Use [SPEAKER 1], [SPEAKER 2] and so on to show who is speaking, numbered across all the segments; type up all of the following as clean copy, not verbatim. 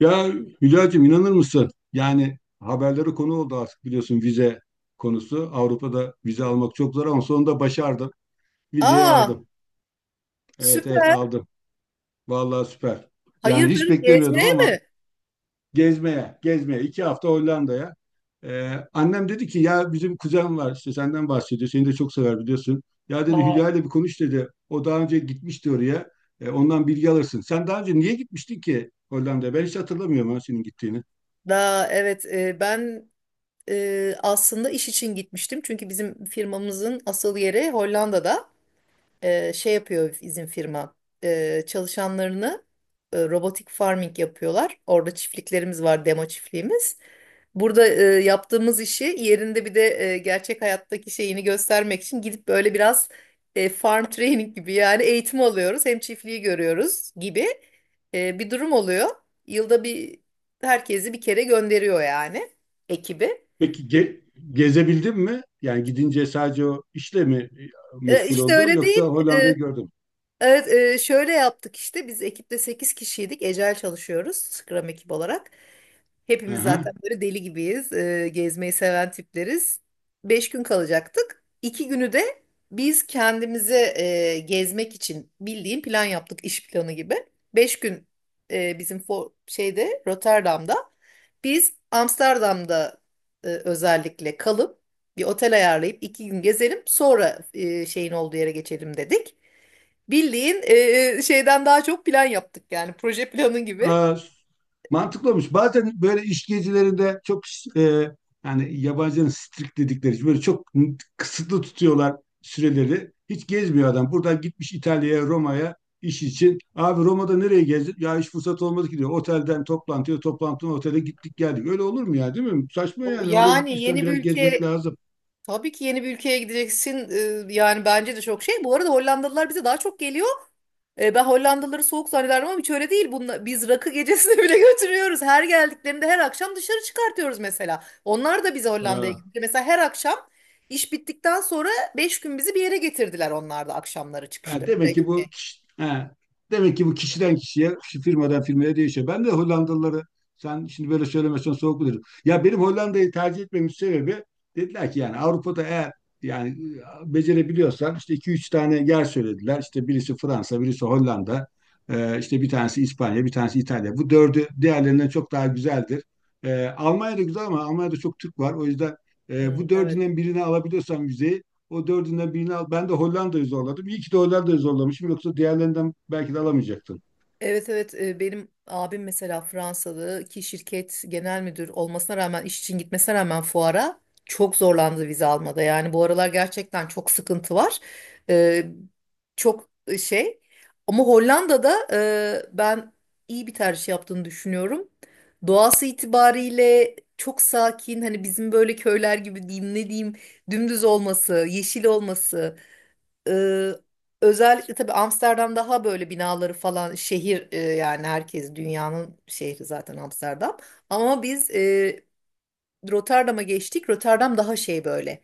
[SPEAKER 1] Ya Hülya'cığım inanır mısın? Yani haberlere konu oldu artık biliyorsun vize konusu. Avrupa'da vize almak çok zor ama sonunda başardım. Vizeyi
[SPEAKER 2] Aa,
[SPEAKER 1] aldım. Evet, evet,
[SPEAKER 2] süper.
[SPEAKER 1] aldım. Vallahi süper. Yani hiç
[SPEAKER 2] Hayırdır
[SPEAKER 1] beklemiyordum
[SPEAKER 2] gezmeye
[SPEAKER 1] ama
[SPEAKER 2] mi?
[SPEAKER 1] gezmeye, gezmeye. İki hafta Hollanda'ya. Annem dedi ki ya bizim kuzen var işte senden bahsediyor. Seni de çok sever biliyorsun. Ya dedi
[SPEAKER 2] Aa,
[SPEAKER 1] Hülya ile bir konuş dedi. O daha önce gitmişti oraya. Ondan bilgi alırsın. Sen daha önce niye gitmiştin ki Hollanda'ya? Ben hiç hatırlamıyorum ha senin gittiğini.
[SPEAKER 2] daha evet, ben aslında iş için gitmiştim. Çünkü bizim firmamızın asıl yeri Hollanda'da. Şey yapıyor, izin firma çalışanlarını, robotik farming yapıyorlar. Orada çiftliklerimiz var, demo çiftliğimiz. Burada yaptığımız işi yerinde bir de gerçek hayattaki şeyini göstermek için gidip böyle biraz farm training gibi, yani eğitim alıyoruz. Hem çiftliği görüyoruz gibi bir durum oluyor. Yılda bir herkesi bir kere gönderiyor, yani ekibi.
[SPEAKER 1] Peki gezebildin mi? Yani gidince sadece o işle mi
[SPEAKER 2] E,
[SPEAKER 1] meşgul
[SPEAKER 2] işte
[SPEAKER 1] oldun
[SPEAKER 2] öyle
[SPEAKER 1] yoksa
[SPEAKER 2] değil.
[SPEAKER 1] Hollanda'yı gördün mü?
[SPEAKER 2] Evet, şöyle yaptık işte, biz ekipte 8 kişiydik. Ecel çalışıyoruz, Scrum ekip olarak.
[SPEAKER 1] Hı
[SPEAKER 2] Hepimiz
[SPEAKER 1] hı.
[SPEAKER 2] zaten böyle deli gibiyiz. Gezmeyi seven tipleriz. 5 gün kalacaktık. 2 günü de biz kendimize gezmek için bildiğin plan yaptık, iş planı gibi. 5 gün bizim şeyde, Rotterdam'da, biz Amsterdam'da özellikle kalıp bir otel ayarlayıp 2 gün gezelim, sonra şeyin olduğu yere geçelim dedik. Bildiğin şeyden daha çok plan yaptık, yani proje planı gibi.
[SPEAKER 1] Aa, mantıklı olmuş. Bazen böyle iş gezilerinde çok e, yani yabancının strict dedikleri böyle çok kısıtlı tutuyorlar süreleri. Hiç gezmiyor adam. Buradan gitmiş İtalya'ya, Roma'ya iş için. Abi Roma'da nereye gezdin? Ya hiç fırsat olmadı ki diyor. Otelden toplantıya, toplantıdan otele gittik geldik. Öyle olur mu ya, değil mi? Saçma yani. Oraya
[SPEAKER 2] Yani
[SPEAKER 1] gitmişsen
[SPEAKER 2] yeni bir
[SPEAKER 1] biraz gezmek
[SPEAKER 2] ülke,
[SPEAKER 1] lazım.
[SPEAKER 2] tabii ki yeni bir ülkeye gideceksin, yani bence de çok şey. Bu arada Hollandalılar bize daha çok geliyor. E, ben Hollandalıları soğuk zannederdim ama hiç öyle değil. Biz rakı gecesine bile götürüyoruz. Her geldiklerinde her akşam dışarı çıkartıyoruz mesela. Onlar da bize Hollanda'ya gitti. Mesela her akşam iş bittikten sonra 5 gün bizi bir yere getirdiler, onlar da akşamları
[SPEAKER 1] Ha,
[SPEAKER 2] çıkışta. Bira içmeye.
[SPEAKER 1] demek ki bu kişiden kişiye, kişi firmadan firmaya değişiyor. Ben de Hollandalıları sen şimdi böyle söylemesen soğuk bulurum. Ya benim Hollanda'yı tercih etmemin sebebi dediler ki yani Avrupa'da eğer yani becerebiliyorsan işte iki üç tane yer söylediler. İşte birisi Fransa, birisi Hollanda, işte bir tanesi İspanya, bir tanesi İtalya. Bu dördü diğerlerinden çok daha güzeldir. Almanya da güzel ama Almanya'da çok Türk var. O yüzden bu
[SPEAKER 2] Hı, evet.
[SPEAKER 1] dördünden birini alabiliyorsan vizeyi o dördünden birini al. Ben de Hollanda'yı zorladım. İyi ki de Hollanda'yı zorlamışım. Yoksa diğerlerinden belki de alamayacaktım.
[SPEAKER 2] Evet, evet, benim abim mesela Fransalı ki şirket genel müdür olmasına rağmen, iş için gitmesine rağmen fuara çok zorlandı vize almada. Yani bu aralar gerçekten çok sıkıntı var. E, çok şey, ama Hollanda'da ben iyi bir tercih yaptığını düşünüyorum. Doğası itibariyle çok sakin, hani bizim böyle köyler gibi diyeyim, ne diyeyim, dümdüz olması, yeşil olması. Ee, Özellikle tabii Amsterdam daha böyle binaları falan, şehir, yani herkes dünyanın şehri zaten Amsterdam. Ama biz Rotterdam'a geçtik. Rotterdam daha şey böyle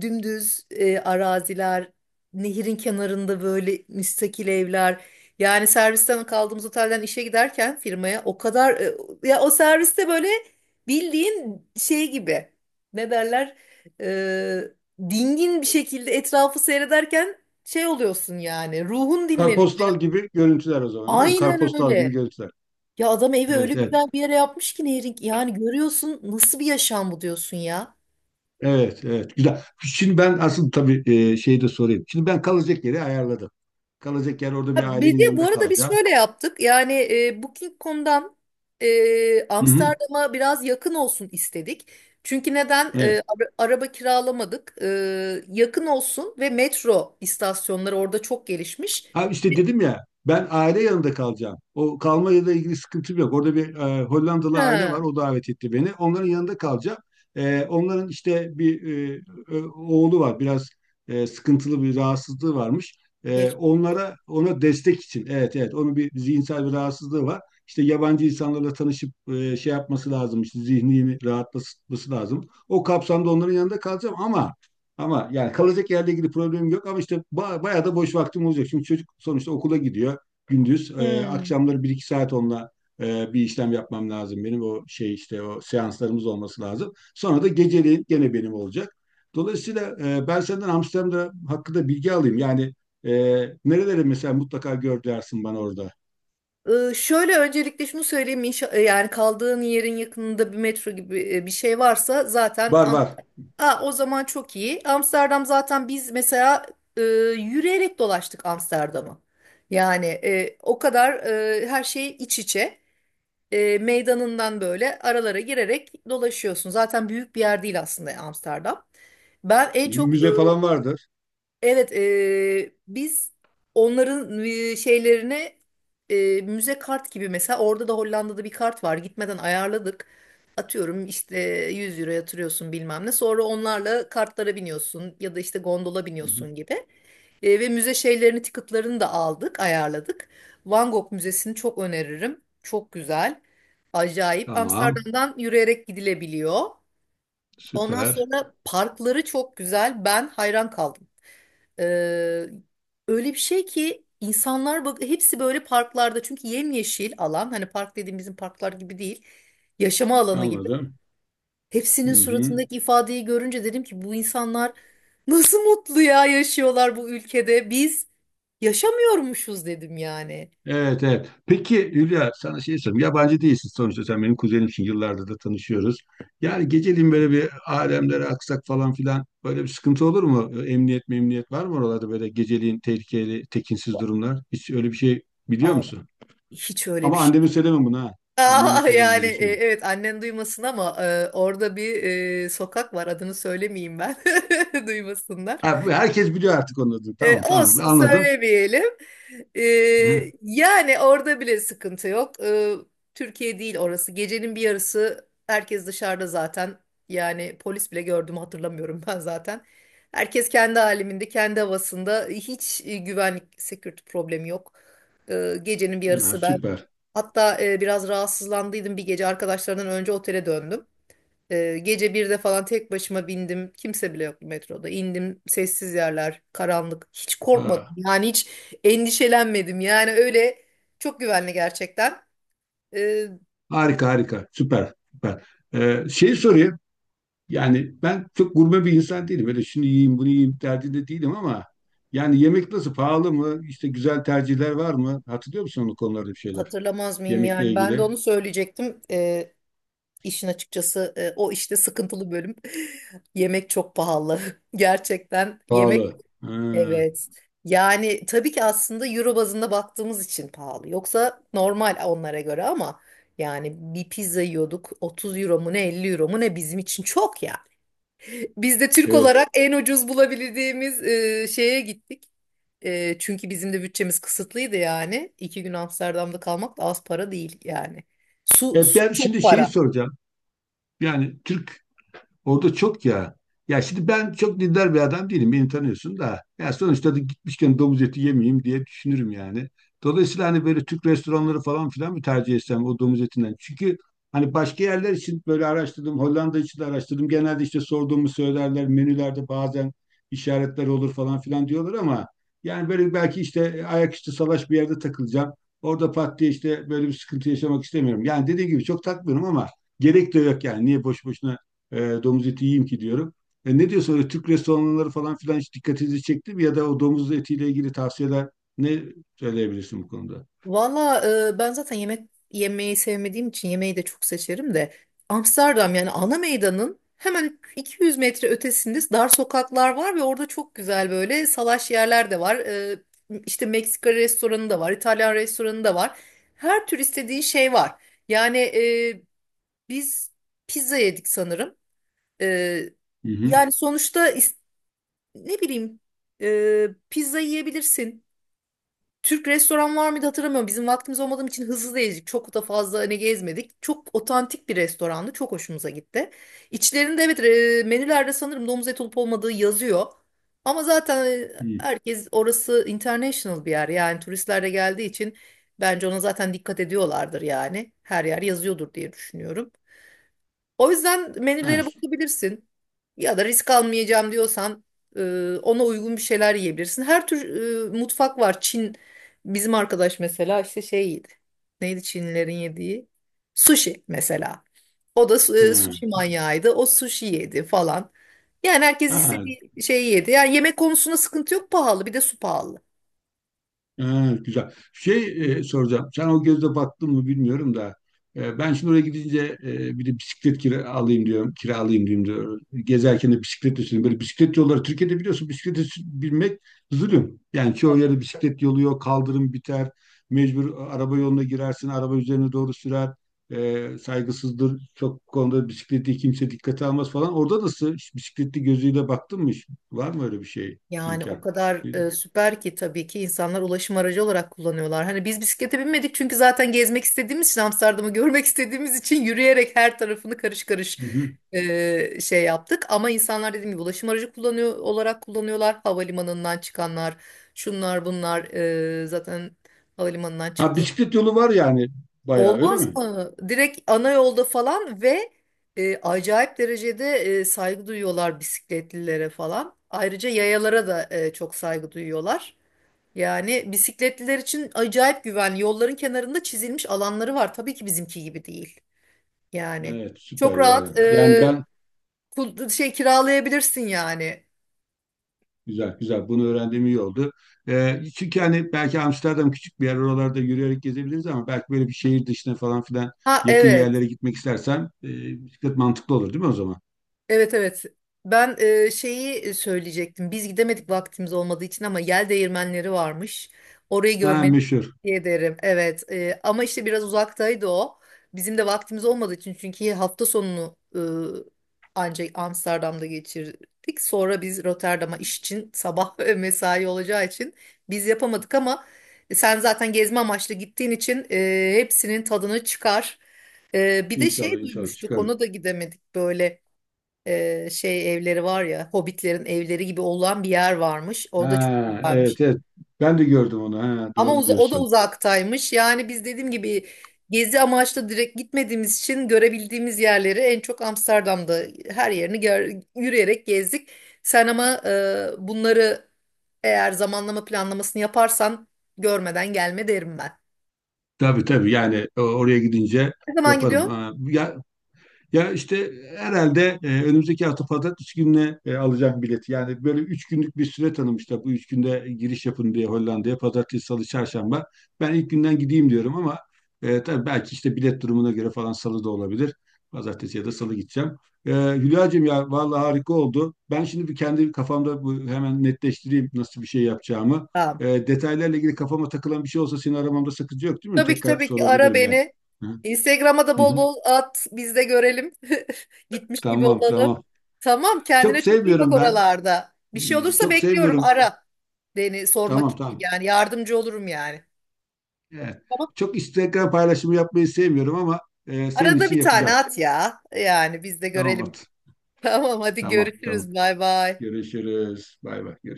[SPEAKER 2] dümdüz araziler, nehirin kenarında böyle müstakil evler. Yani servisten kaldığımız otelden işe giderken firmaya o kadar ya, o serviste böyle bildiğin şey gibi, ne derler, e, dingin bir şekilde etrafı seyrederken şey oluyorsun, yani ruhun dinleniyor.
[SPEAKER 1] Karpostal gibi görüntüler o zaman değil mi?
[SPEAKER 2] Aynen
[SPEAKER 1] Karpostal gibi
[SPEAKER 2] öyle.
[SPEAKER 1] görüntüler.
[SPEAKER 2] Ya adam evi öyle
[SPEAKER 1] Evet, evet.
[SPEAKER 2] güzel bir yere yapmış ki, Nehir'in, yani görüyorsun nasıl bir yaşam bu diyorsun ya.
[SPEAKER 1] Evet, evet. Güzel. Şimdi ben asıl tabii şeyi de sorayım. Şimdi ben kalacak yeri ayarladım. Kalacak yer orada bir
[SPEAKER 2] Ha, bir
[SPEAKER 1] ailenin
[SPEAKER 2] de bu
[SPEAKER 1] yanında
[SPEAKER 2] arada biz
[SPEAKER 1] kalacağım.
[SPEAKER 2] şöyle yaptık. Yani Booking.com'dan
[SPEAKER 1] Hı hı.
[SPEAKER 2] Amsterdam'a biraz yakın olsun istedik. Çünkü neden? E,
[SPEAKER 1] Evet.
[SPEAKER 2] araba kiralamadık. E, yakın olsun ve metro istasyonları orada çok gelişmiş.
[SPEAKER 1] Ha, işte
[SPEAKER 2] Ve-
[SPEAKER 1] dedim ya ben aile yanında kalacağım. O kalmayla ilgili sıkıntım yok. Orada bir Hollandalı aile var.
[SPEAKER 2] Ha,
[SPEAKER 1] O davet etti beni. Onların yanında kalacağım. Onların işte bir e, oğlu var. Biraz sıkıntılı bir rahatsızlığı varmış.
[SPEAKER 2] geç.
[SPEAKER 1] Onlara ona destek için. Evet, evet. Onun bir zihinsel bir rahatsızlığı var. İşte yabancı insanlarla tanışıp şey yapması lazım. İşte zihnini rahatlatması lazım. O kapsamda onların yanında kalacağım ama yani kalacak yerle ilgili problemim yok ama işte bayağı da boş vaktim olacak. Çünkü çocuk sonuçta okula gidiyor gündüz.
[SPEAKER 2] Hmm.
[SPEAKER 1] Akşamları 1-2 saat onunla bir işlem yapmam lazım benim. O şey işte o seanslarımız olması lazım. Sonra da geceliğin gene benim olacak. Dolayısıyla ben senden Amsterdam'da hakkında bilgi alayım. Yani e, nereleri mesela mutlaka gör dersin bana orada.
[SPEAKER 2] E, şöyle öncelikle şunu söyleyeyim. Yani kaldığın yerin yakınında bir metro gibi bir şey varsa zaten.
[SPEAKER 1] Var, var.
[SPEAKER 2] Aa, o zaman çok iyi. Amsterdam zaten biz mesela e, yürüyerek dolaştık Amsterdam'ı. Yani o kadar her şey iç içe. E, meydanından böyle aralara girerek dolaşıyorsun. Zaten büyük bir yer değil aslında Amsterdam. Ben en çok
[SPEAKER 1] Müze falan vardır.
[SPEAKER 2] evet, biz onların şeylerine, müze kart gibi, mesela orada da Hollanda'da bir kart var. Gitmeden ayarladık. Atıyorum işte 100 euro yatırıyorsun bilmem ne. Sonra onlarla kartlara biniyorsun ya da işte gondola
[SPEAKER 1] Hı hı.
[SPEAKER 2] biniyorsun gibi. Ve müze şeylerini, ticketlarını da aldık, ayarladık. Van Gogh Müzesi'ni çok öneririm. Çok güzel. Acayip.
[SPEAKER 1] Tamam.
[SPEAKER 2] Amsterdam'dan yürüyerek gidilebiliyor. Ondan
[SPEAKER 1] Süper.
[SPEAKER 2] sonra parkları çok güzel. Ben hayran kaldım. Ee, Öyle bir şey ki insanlar, bak hepsi böyle parklarda, çünkü yemyeşil alan, hani park dediğim bizim parklar gibi değil, yaşama alanı gibi.
[SPEAKER 1] Anladım.
[SPEAKER 2] Hepsinin
[SPEAKER 1] Hı hı.
[SPEAKER 2] suratındaki ifadeyi görünce dedim ki bu insanlar nasıl mutlu ya, yaşıyorlar bu ülkede, biz yaşamıyormuşuz dedim yani.
[SPEAKER 1] Evet, evet. Peki Hülya, sana şey sorayım. Yabancı değilsin sonuçta, sen benim kuzenimsin. Yıllardır da tanışıyoruz. Yani geceliğin böyle bir alemlere aksak falan filan böyle bir sıkıntı olur mu? Emniyet memniyet var mı oralarda, böyle geceliğin tehlikeli, tekinsiz durumlar? Hiç öyle bir şey biliyor
[SPEAKER 2] Abi
[SPEAKER 1] musun?
[SPEAKER 2] hiç öyle
[SPEAKER 1] Ama
[SPEAKER 2] bir şey
[SPEAKER 1] anneme
[SPEAKER 2] yok.
[SPEAKER 1] söyleme bunu ha. Anneme
[SPEAKER 2] Aa,
[SPEAKER 1] söyleme
[SPEAKER 2] yani,
[SPEAKER 1] onu da söyle.
[SPEAKER 2] evet annen duymasın ama orada bir sokak var, adını söylemeyeyim ben, duymasınlar.
[SPEAKER 1] Ha, herkes biliyor artık onu da.
[SPEAKER 2] E,
[SPEAKER 1] Tamam, tamam,
[SPEAKER 2] olsun
[SPEAKER 1] anladım.
[SPEAKER 2] söylemeyelim. E,
[SPEAKER 1] Hı,
[SPEAKER 2] yani orada bile sıkıntı yok. E, Türkiye değil orası. Gecenin bir yarısı herkes dışarıda zaten. Yani polis bile gördüm hatırlamıyorum ben zaten. Herkes kendi haliminde kendi havasında. Hiç güvenlik, security problemi yok. E, gecenin bir
[SPEAKER 1] ha,
[SPEAKER 2] yarısı ben
[SPEAKER 1] süper.
[SPEAKER 2] hatta biraz rahatsızlandıydım bir gece, arkadaşlardan önce otele döndüm. Gece 1'de falan tek başıma bindim. Kimse bile yoktu metroda. İndim, sessiz yerler, karanlık. Hiç korkmadım.
[SPEAKER 1] Ha,
[SPEAKER 2] Yani hiç endişelenmedim. Yani öyle, çok güvenli gerçekten. Ee,
[SPEAKER 1] harika, harika, süper, süper. Şey sorayım. Yani ben çok gurme bir insan değilim. Böyle şunu yiyeyim, bunu yiyeyim derdinde değilim ama yani yemek nasıl? Pahalı mı? İşte güzel tercihler var mı? Hatırlıyor musun o konularda bir şeyler?
[SPEAKER 2] Hatırlamaz mıyım
[SPEAKER 1] Yemekle
[SPEAKER 2] yani? Ben de
[SPEAKER 1] ilgili.
[SPEAKER 2] onu söyleyecektim. İşin açıkçası o işte sıkıntılı bölüm. Yemek çok pahalı. Gerçekten yemek.
[SPEAKER 1] Pahalı. Ha,
[SPEAKER 2] Evet. Yani tabii ki aslında euro bazında baktığımız için pahalı. Yoksa normal onlara göre ama yani bir pizza yiyorduk 30 euro mu ne, 50 euro mu ne, bizim için çok ya. Biz de Türk
[SPEAKER 1] evet.
[SPEAKER 2] olarak en ucuz bulabildiğimiz şeye gittik. E, çünkü bizim de bütçemiz kısıtlıydı yani. İki gün Amsterdam'da kalmak da az para değil yani. Su, su
[SPEAKER 1] Ben
[SPEAKER 2] çok
[SPEAKER 1] şimdi şeyi
[SPEAKER 2] para.
[SPEAKER 1] soracağım. Yani Türk orada çok ya. Ya şimdi ben çok dindar bir adam değilim. Beni tanıyorsun da. Ya sonuçta da gitmişken domuz eti yemeyeyim diye düşünürüm yani. Dolayısıyla hani böyle Türk restoranları falan filan mı tercih etsem, o domuz etinden? Çünkü hani başka yerler için böyle araştırdım. Hollanda için de araştırdım. Genelde işte sorduğumu söylerler. Menülerde bazen işaretler olur falan filan diyorlar ama yani böyle belki işte ayaküstü salaş bir yerde takılacağım. Orada pat diye işte böyle bir sıkıntı yaşamak istemiyorum. Yani dediğim gibi çok takmıyorum ama gerek de yok yani. Niye boş boşuna e, domuz eti yiyeyim ki diyorum. Ne diyorsun, öyle Türk restoranları falan filan hiç dikkatinizi çekti mi? Ya da o domuz etiyle ilgili tavsiyeler ne söyleyebilirsin bu konuda?
[SPEAKER 2] Valla ben zaten yemek yemeyi sevmediğim için yemeği de çok seçerim de, Amsterdam yani ana meydanın hemen 200 metre ötesinde dar sokaklar var ve orada çok güzel böyle salaş yerler de var. E, işte Meksika restoranı da var, İtalyan restoranı da var. Her tür istediğin şey var. Yani biz pizza yedik sanırım. E,
[SPEAKER 1] Hı hı.
[SPEAKER 2] yani sonuçta ne bileyim, pizza yiyebilirsin. Türk restoran var mıydı hatırlamıyorum. Bizim vaktimiz olmadığım için hızlı da gezdik. Çok da fazla hani gezmedik. Çok otantik bir restorandı. Çok hoşumuza gitti. İçlerinde evet, menülerde sanırım domuz eti olup olmadığı yazıyor. Ama zaten
[SPEAKER 1] Hı.
[SPEAKER 2] herkes orası international bir yer. Yani turistler de geldiği için bence ona zaten dikkat ediyorlardır yani. Her yer yazıyordur diye düşünüyorum. O yüzden
[SPEAKER 1] Ha,
[SPEAKER 2] menülere bakabilirsin. Ya da risk almayacağım diyorsan e, ona uygun bir şeyler yiyebilirsin. Her tür mutfak var. Çin, bizim arkadaş mesela işte şey yedi. Neydi Çinlilerin yediği? Sushi mesela. O da sushi
[SPEAKER 1] ha.
[SPEAKER 2] manyağıydı. O sushi yedi falan. Yani herkes
[SPEAKER 1] Ha.
[SPEAKER 2] istediği şeyi yedi. Yani yemek konusunda sıkıntı yok, pahalı, bir de su pahalı.
[SPEAKER 1] Ha, güzel. Şey soracağım. Sen o gözle baktın mı bilmiyorum da. Ben şimdi oraya gidince bir de bisiklet kira alayım diyorum. Kiralayayım diyorum diyor. Gezerken de bisiklet üstüne. Böyle bisiklet yolları, Türkiye'de biliyorsun bisiklete binmek zulüm. Yani çoğu
[SPEAKER 2] Tabii.
[SPEAKER 1] yerde bisiklet yolu yok. Kaldırım biter. Mecbur araba yoluna girersin. Araba üzerine doğru sürer. Saygısızdır. Çok konuda bisikleti kimse dikkate almaz falan. Orada nasıl? Hiç bisikletli gözüyle baktın mı hiç? Var mı öyle bir şey,
[SPEAKER 2] Yani o
[SPEAKER 1] imkan?
[SPEAKER 2] kadar
[SPEAKER 1] Hı
[SPEAKER 2] süper ki, tabii ki insanlar ulaşım aracı olarak kullanıyorlar. Hani biz bisiklete binmedik çünkü zaten gezmek istediğimiz için, Amsterdam'ı görmek istediğimiz için yürüyerek her tarafını karış karış
[SPEAKER 1] hı.
[SPEAKER 2] şey yaptık. Ama insanlar dediğim gibi ulaşım aracı kullanıyor olarak kullanıyorlar. Havalimanından çıkanlar, şunlar bunlar zaten havalimanından
[SPEAKER 1] Ha,
[SPEAKER 2] çıktı.
[SPEAKER 1] bisiklet yolu var yani bayağı, öyle
[SPEAKER 2] Olmaz
[SPEAKER 1] mi?
[SPEAKER 2] mı? Direkt ana yolda falan, ve acayip derecede saygı duyuyorlar bisikletlilere falan. Ayrıca yayalara da çok saygı duyuyorlar. Yani bisikletliler için acayip güvenli. Yolların kenarında çizilmiş alanları var. Tabii ki bizimki gibi değil. Yani
[SPEAKER 1] Evet,
[SPEAKER 2] çok
[SPEAKER 1] süper ya.
[SPEAKER 2] rahat,
[SPEAKER 1] Yani ben,
[SPEAKER 2] şey kiralayabilirsin yani.
[SPEAKER 1] güzel güzel bunu öğrendiğim iyi oldu. Çünkü hani belki Amsterdam küçük bir yer, oralarda yürüyerek gezebiliriz ama belki böyle bir şehir dışına falan filan
[SPEAKER 2] Ha
[SPEAKER 1] yakın
[SPEAKER 2] evet.
[SPEAKER 1] yerlere gitmek istersen bisiklet mantıklı olur değil mi o zaman?
[SPEAKER 2] Evet, evet. Ben şeyi söyleyecektim. Biz gidemedik vaktimiz olmadığı için ama yel değirmenleri varmış. Orayı
[SPEAKER 1] Ha,
[SPEAKER 2] görmeni
[SPEAKER 1] meşhur.
[SPEAKER 2] tavsiye ederim. Evet. Ama işte biraz uzaktaydı o. Bizim de vaktimiz olmadığı için, çünkü hafta sonunu ancak Amsterdam'da geçirdik. Sonra biz Rotterdam'a iş için sabah mesai olacağı için biz yapamadık ama sen zaten gezme amaçlı gittiğin için hepsinin tadını çıkar. E, bir de
[SPEAKER 1] İnşallah,
[SPEAKER 2] şey
[SPEAKER 1] inşallah
[SPEAKER 2] duymuştuk.
[SPEAKER 1] çıkarır.
[SPEAKER 2] Ona da gidemedik, böyle şey evleri var ya, hobbitlerin evleri gibi olan bir yer varmış. O da çok
[SPEAKER 1] Ha,
[SPEAKER 2] güzelmiş.
[SPEAKER 1] evet, evet, ben de gördüm onu. Ha,
[SPEAKER 2] Ama
[SPEAKER 1] doğru
[SPEAKER 2] o da
[SPEAKER 1] diyorsun.
[SPEAKER 2] uzaktaymış. Yani biz dediğim gibi gezi amaçlı direkt gitmediğimiz için görebildiğimiz yerleri en çok Amsterdam'da her yerini yürüyerek gezdik. Sen ama bunları, eğer zamanlama planlamasını yaparsan görmeden gelme derim ben.
[SPEAKER 1] Tabii, tabii, yani oraya gidince
[SPEAKER 2] Ne zaman
[SPEAKER 1] yaparım.
[SPEAKER 2] gidiyorsun?
[SPEAKER 1] Ha, ya, işte herhalde önümüzdeki hafta pazartesi gününe alacağım bileti. Yani böyle üç günlük bir süre tanımışlar. Bu üç günde giriş yapın diye Hollanda'ya. Pazartesi, salı, çarşamba. Ben ilk günden gideyim diyorum ama tabii belki işte bilet durumuna göre falan salı da olabilir. Pazartesi ya da salı gideceğim. Hülya'cığım ya vallahi harika oldu. Ben şimdi bir kendi kafamda bu, hemen netleştireyim nasıl bir şey yapacağımı.
[SPEAKER 2] Tamam.
[SPEAKER 1] Detaylarla ilgili kafama takılan bir şey olsa seni aramamda sakınca yok değil mi?
[SPEAKER 2] Tabii ki,
[SPEAKER 1] Tekrar
[SPEAKER 2] tabii ki ara
[SPEAKER 1] sorabilirim yani.
[SPEAKER 2] beni.
[SPEAKER 1] Hı
[SPEAKER 2] Instagram'a da bol
[SPEAKER 1] hı.
[SPEAKER 2] bol at. Biz de görelim. Gitmiş gibi
[SPEAKER 1] Tamam,
[SPEAKER 2] olalım.
[SPEAKER 1] tamam.
[SPEAKER 2] Tamam, kendine
[SPEAKER 1] Çok
[SPEAKER 2] çok iyi bak
[SPEAKER 1] sevmiyorum ben.
[SPEAKER 2] oralarda. Bir şey olursa
[SPEAKER 1] Çok
[SPEAKER 2] bekliyorum,
[SPEAKER 1] sevmiyorum.
[SPEAKER 2] ara. Beni sormak
[SPEAKER 1] Tamam,
[SPEAKER 2] için,
[SPEAKER 1] tamam.
[SPEAKER 2] yani yardımcı olurum yani.
[SPEAKER 1] Evet.
[SPEAKER 2] Tamam.
[SPEAKER 1] Çok Instagram paylaşımı yapmayı sevmiyorum ama senin
[SPEAKER 2] Arada
[SPEAKER 1] için
[SPEAKER 2] bir tane
[SPEAKER 1] yapacağım.
[SPEAKER 2] at ya. Yani biz de
[SPEAKER 1] Tamam,
[SPEAKER 2] görelim.
[SPEAKER 1] at.
[SPEAKER 2] Tamam hadi
[SPEAKER 1] Tamam, tamam.
[SPEAKER 2] görüşürüz. Bay bay.
[SPEAKER 1] Görüşürüz. Bay bay. Görüşürüz.